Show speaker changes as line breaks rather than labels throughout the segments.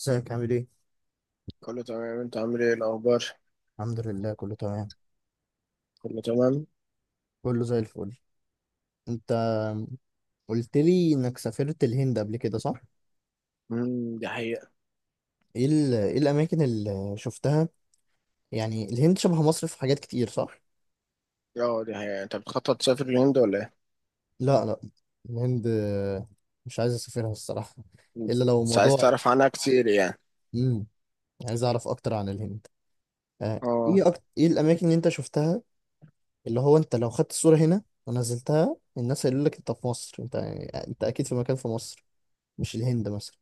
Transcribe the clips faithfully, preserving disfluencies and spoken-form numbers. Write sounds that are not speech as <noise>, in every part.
ازيك عامل ايه؟
كله تمام، انت عامل ايه الاخبار؟
الحمد لله كله تمام.
كله تمام.
كله زي الفل. انت قلت لي انك سافرت الهند قبل كده صح؟
امم دي حقيقة.
ايه ال... ايه الاماكن اللي شفتها؟ يعني الهند شبه مصر في حاجات كتير صح؟
اه، دي حقيقة. انت بتخطط تسافر الهند ولا ايه؟
لا لا، الهند مش عايز اسافرها الصراحة، الا لو
بس عايز
موضوع.
تعرف عنها كتير، يعني.
امم عايز اعرف اكتر عن الهند. آه.
اه،
ايه أكتر... ايه الاماكن اللي انت شفتها؟ اللي هو انت لو خدت الصورة هنا ونزلتها الناس هيقولوا لك انت في مصر، انت يعني انت اكيد في مكان في مصر، مش الهند مثلا.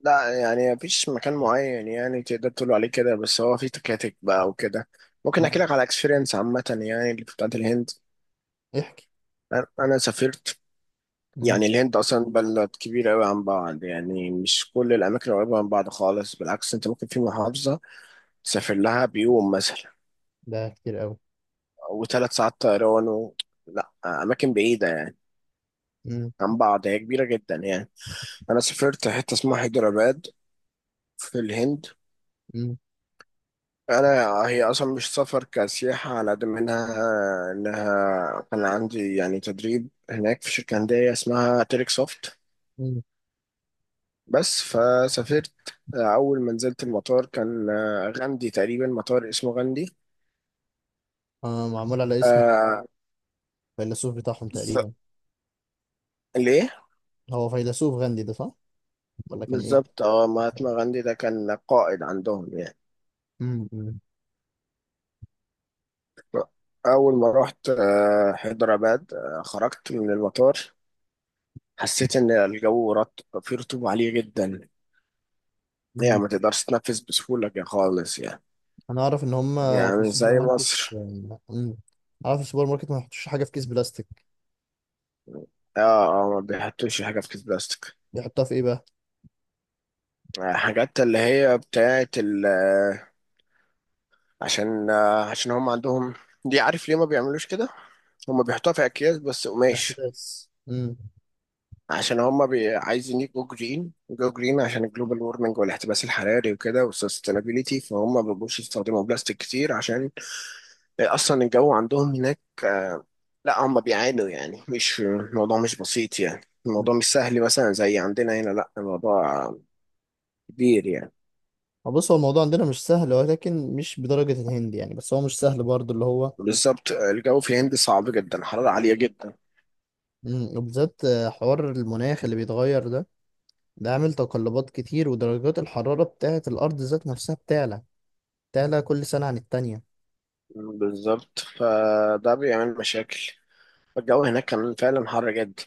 لا، يعني مفيش مكان معين يعني تقدر تقول عليه كده، بس هو في تكاتك بقى وكده. ممكن
مم.
احكي لك على اكسبيرينس عامة يعني اللي بتاعت الهند.
احكي.
انا انا سافرت. يعني الهند اصلا بلد كبيرة قوي عن بعض، يعني مش كل الاماكن قريبة من بعض خالص، بالعكس انت ممكن في محافظة تسافر لها بيوم مثلا
ده كتير قوي.
وثلاث ساعات طيران و... لا، أماكن بعيدة يعني
مم.
عن بعض، هي كبيرة جدا يعني. أنا سافرت حتة اسمها حيدراباد في الهند.
مم.
أنا هي أصلا مش سفر كسياحة على قد ما إنها إنها كان عندي يعني تدريب هناك في شركة هندية اسمها تيريك سوفت.
مم.
بس فسافرت. أول ما نزلت المطار كان غاندي تقريبا، مطار اسمه غاندي.
آه، معمول على اسم
آه،
الفيلسوف بتاعهم
بالظبط،
تقريبا.
ليه؟
هو فيلسوف غاندي ده صح ولا كان ايه؟
بالظبط، اه مهاتما غاندي ده كان قائد عندهم يعني.
مم. مم.
أول ما رحت آه، حيدرباد، آه، خرجت من المطار، حسيت إن الجو رط... فيه رطوبة عالية جدا. يعني
مم.
ما تقدرش تتنفس بسهولة كده خالص يعني،
انا اعرف ان هم في
يعني
السوبر
زي
ماركت،
مصر.
مم، اعرف في السوبر ماركت ما يحطوش حاجه في كيس بلاستيك.
اه، اه، ما بيحطوش حاجة في كيس بلاستيك.
بيحطها في ايه بقى؟
آه، حاجات اللي هي بتاعة ال آه، عشان آه، عشان هم عندهم دي، عارف ليه ما بيعملوش كده؟ هم بيحطوها في أكياس بس قماش،
الاحتباس. مم.
عشان هم بي... عايزين يجوا جرين، جو جرين، عشان الجلوبال وورمنج والاحتباس الحراري وكده والسستينابيلتي، فهم ما بيبقوش يستخدموا بلاستيك كتير، عشان اصلا الجو عندهم هناك، آه، لا، هم بيعانوا يعني، مش الموضوع مش بسيط يعني. الموضوع مش سهل مثلا زي عندنا هنا، لا الموضوع كبير يعني.
آه، بص هو الموضوع عندنا مش سهل ولكن مش بدرجه الهند يعني، بس هو مش سهل برضه اللي هو.
بالظبط، الجو في الهند صعب جدا، حرارة عالية جدا.
مم. وبالذات آه، حوار المناخ اللي بيتغير ده، ده عامل تقلبات كتير ودرجات الحراره بتاعه الارض ذات نفسها بتعلى. تعلى كل سنة عن التانية.
بالظبط، فده بيعمل مشاكل. الجو هناك كان فعلا حر جدا،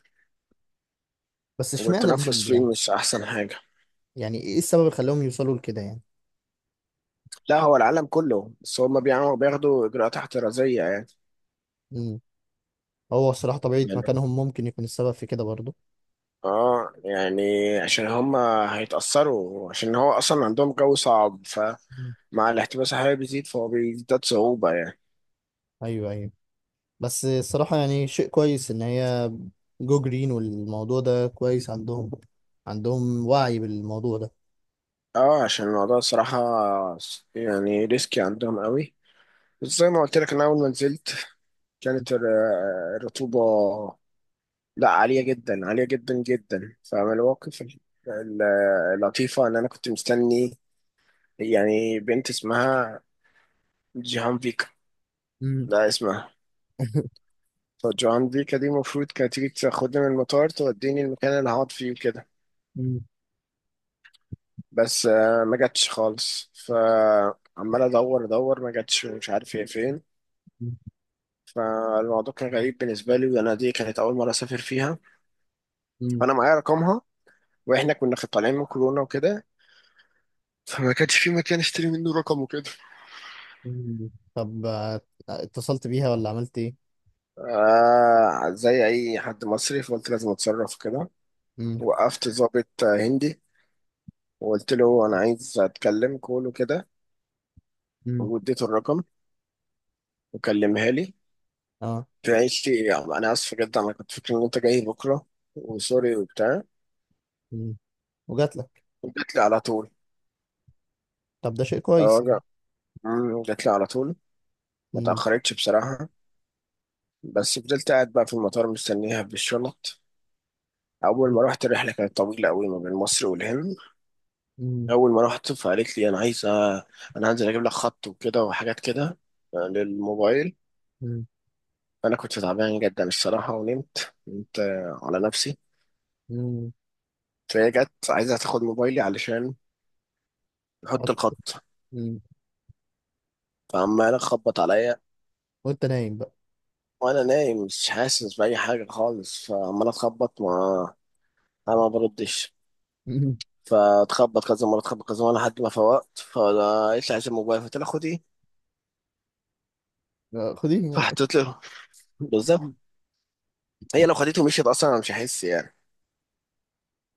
بس اشمعنى
والتنفس
الهند
فيه
يعني؟
مش أحسن حاجة.
يعني ايه السبب اللي خلاهم يوصلوا لكده يعني؟
لا، هو العالم كله، بس هم بيعملوا بياخدوا اجراءات احترازيه يعني.
مم. هو الصراحة طبيعة
يعني
مكانهم ممكن يكون السبب في كده برضو.
اه يعني عشان هم هيتاثروا، عشان هو اصلا عندهم جو صعب، فمع
مم.
الاحتباس الحراري بيزيد، فهو بيزداد صعوبه يعني.
ايوه، ايوه، بس الصراحة يعني شيء كويس ان هي جو جرين، والموضوع ده كويس عندهم، عندهم وعي بالموضوع ده.
اه، عشان الموضوع الصراحه يعني ريسكي عندهم قوي. بس زي ما قلت لك، انا اول ما نزلت كانت الر- الرطوبه لا عاليه جدا، عاليه جدا جدا. فمن المواقف ال- ال- اللطيفه ان انا كنت مستني يعني بنت اسمها جيهان.
مم.
لا اسمع.
<laughs>
فالجران دي كان دي المفروض كانت تيجي تاخدني من المطار، توديني المكان اللي هقعد فيه وكده.
مم.
بس آه، ما جاتش خالص، فعمال ادور ادور، ما جاتش، مش عارف هي فين. فالموضوع كان غريب بالنسبه لي، وانا دي كانت اول مره اسافر فيها.
مم.
فانا معايا رقمها، واحنا كنا خ- طالعين من كورونا وكده، فما كانش في مكان اشتري منه رقم وكده.
مم. طب آه، اتصلت بيها ولا عملت ايه؟
آه، زي اي حد مصري فقلت لازم اتصرف كده.
مم.
وقفت ضابط آه، هندي، وقلت له انا عايز اتكلم كول وكده،
مم.
واديته الرقم وكلمها لي.
اه.
قالت لي يعني انا اسف جدا، انا كنت فاكر ان انت جاي بكره، وسوري وبتاع.
مم. وجات لك؟
جات لي على طول.
طب ده شيء
اه،
كويس.
جا- مم، جات لي على طول، ما
مم.
تاخرتش بصراحه. بس فضلت قاعد بقى في المطار مستنيها بالشنط. اول ما رحت الرحله كانت طويله قوي ما بين مصر والهند.
مم.
اول ما رحت فقالت لي انا عايزه، انا هنزل اجيب لك خط وكده وحاجات كده، آه، للموبايل.
مم.
انا كنت تعبان جدا الصراحه ونمت نمت على نفسي.
مم.
فهي جت عايزه تاخد موبايلي علشان احط
حط-
الخط.
مم.
فعمال اخبط عليا
وانت نايم بقى.
وانا نايم، مش حاسس باي حاجه خالص، فعمال اتخبط، ما انا ما بردش.
<laughs> مم.
فاتخبط كذا مره، اتخبط كذا مره، لحد ما فوقت، فلقيت لي عايز الموبايل، فقلت لها خديه
آه، خديه.
فحطيت له. بالظبط، هي لو خدته ومشيت اصلا انا مش هحس يعني.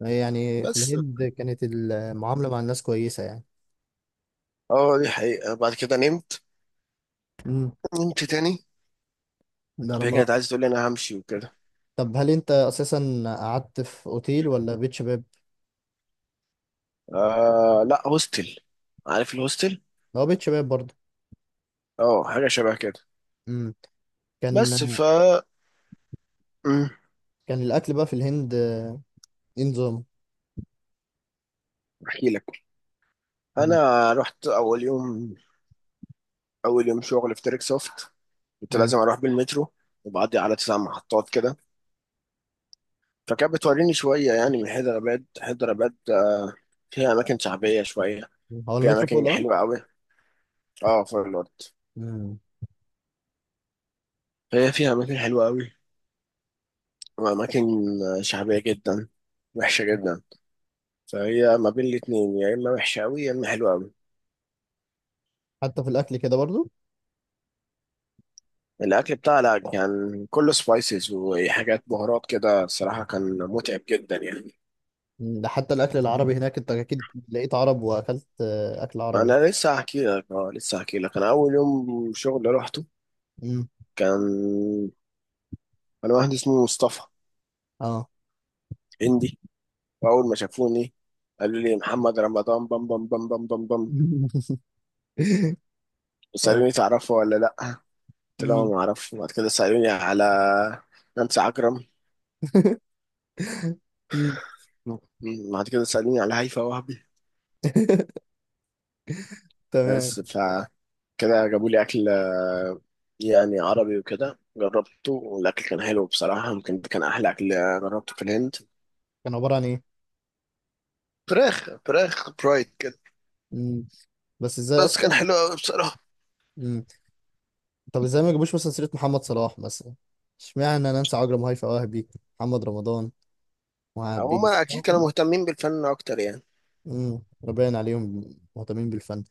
يعني في
بس
الهند كانت المعاملة مع الناس كويسة يعني.
اه، دي حقيقه، بعد كده نمت،
مم.
نمت تاني.
ده انا
فهي
مرة.
كانت عايزه تقول لي انا همشي وكده.
طب هل انت اساسا قعدت في اوتيل ولا بيت شباب؟
آه لا، هوستل. عارف الهوستل؟
هو بيت شباب برضه.
اه، حاجه شبه كده.
مم. كان.
بس، ف أمم،
كان الاكل بقى في الهند آه، ايه نظام؟
احكي لك.
مم.
انا رحت اول يوم، اول يوم شغل في تريك سوفت. كنت
مم.
لازم اروح بالمترو وبعدي على تسع محطات كده. فكانت بتوريني شويه يعني من حيدرآباد حيدرآباد، آه، فيها اماكن شعبيه شويه،
هو
فيها
المترو فوق
اماكن
الارض؟
حلوه قوي. اه، فوق الارض.
مم.
فهي فيها اماكن حلوه قوي، واماكن آه، شعبيه جدا، وحشه جدا. فهي ما بين الاتنين، يا اما وحشه قوي يا اما حلوه قوي.
حتى في الاكل كده برضه.
الاكل بتاعها لا، كان كله سبايسز وحاجات بهارات كده، الصراحه كان متعب جدا يعني.
مم. ده حتى الاكل العربي هناك انت اكيد لقيت عرب واكلت آه، اكل عربي.
انا لسه هحكي لك اه لسه هحكي لك، انا اول يوم شغل رحته،
مم.
كان انا واحد اسمه مصطفى،
اه.
هندي، واول ما شافوني قالوا لي محمد رمضان، بام بام بام بام بام بام.
<laughs> آه.
وسالوني تعرفه ولا لا. قلت لهم
مم.
ما اعرفه. وبعد كده سالوني على نانسي عجرم.
مم.
م- بعد كده سالوني على هيفاء وهبي.
<laughs> تمام.
بس فكده جابوا لي اكل، آه، يعني عربي وكده، جربته والاكل كان حلو بصراحه، يمكن ده كان احلى اكل جربته في الهند.
كان عبارة عن ايه؟
فراخ فراخ برايد كده.
مم. بس ازاي
بس كان
اصلا؟
حلو قوي بصراحه.
مم. طب ازاي ما جابوش مثلا سيرة محمد صلاح مثلا؟ اشمعنى نانسي عجرم، هيفاء وهبي، محمد رمضان وعبيس.
هما اكيد كانوا مهتمين بالفن اكتر يعني.
امم، باين عليهم مهتمين بالفن.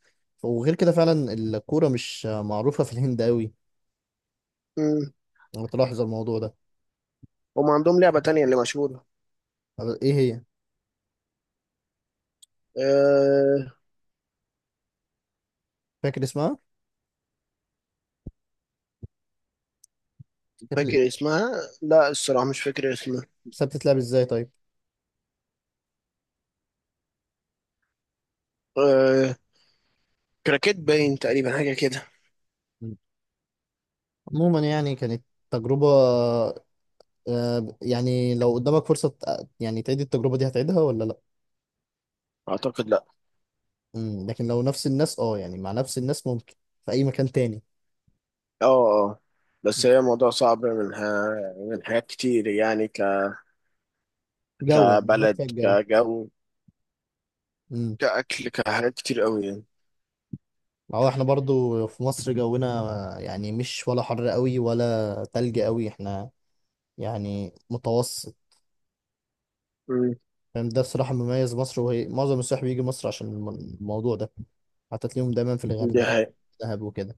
وغير كده فعلا الكورة مش معروفة في الهند قوي، انا بتلاحظ الموضوع ده.
هم عندهم لعبة تانية اللي مشهورة.
طب ايه هي؟
أه
فاكر اسمها؟ كانت ل-
فاكر اسمها. لا، الصراحة مش فاكر اسمها.
بس بتتلعب ازاي طيب؟
أه كراكيت باين تقريبا، حاجة كده.
مم. عموما يعني كانت تجربة. آه، يعني لو قدامك فرصة تق- يعني تعيد التجربة دي هتعيدها ولا لا؟
أعتقد لا.
مم. لكن لو نفس الناس، اه يعني مع نفس الناس، ممكن في اي مكان تاني.
اه، اه، بس هي موضوع صعب، من ها من حاجات كتير يعني، ك
جو يعني هناك
كبلد،
فيها الجو.
كجو،
امم.
كأكل، كحاجات كتير قوي يعني.
هو احنا برضو في مصر جونا يعني مش ولا حر قوي ولا تلج قوي، احنا يعني متوسط.
مم.
فاهم ده بصراحة مميز مصر، وهي معظم السياح بيجي مصر عشان الم- الموضوع ده، حتى تلاقيهم دايما في
دي
الغردقة
حقيقة.
ودهب وكده،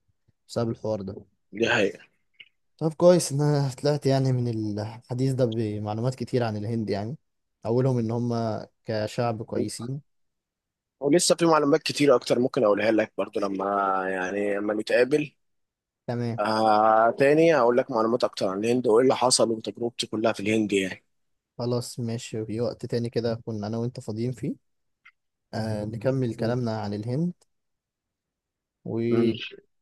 بسبب الحوار ده.
دي حقيقة.
طب كويس ان انا طلعت يعني من الحديث ده بمعلومات كتير عن الهند يعني، اولهم ان هم كشعب كويسين.
ولسه في معلومات كتير أكتر ممكن أقولها لك برضو لما، يعني لما نتقابل.
تمام.
آه تاني هقول لك معلومات اكتر عن الهند وايه اللي حصل وتجربتي كلها في الهند يعني.
خلاص ماشي، في وقت تاني كده كنا أنا وأنت فاضيين فيه، آه نكمل
مم.
كلامنا عن الهند،
مم.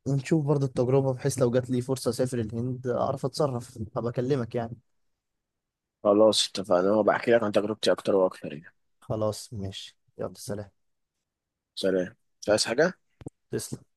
ونشوف برضه التجربة بحيث لو جات لي فرصة أسافر الهند أعرف أتصرف، هبقى أكلمك يعني.
خلاص اتفقنا، وبحكي لك عن تجربتي اكتر واكتر يعني.
خلاص ماشي، يلا سلام.
سلام. مش عايز حاجة.
تسلم.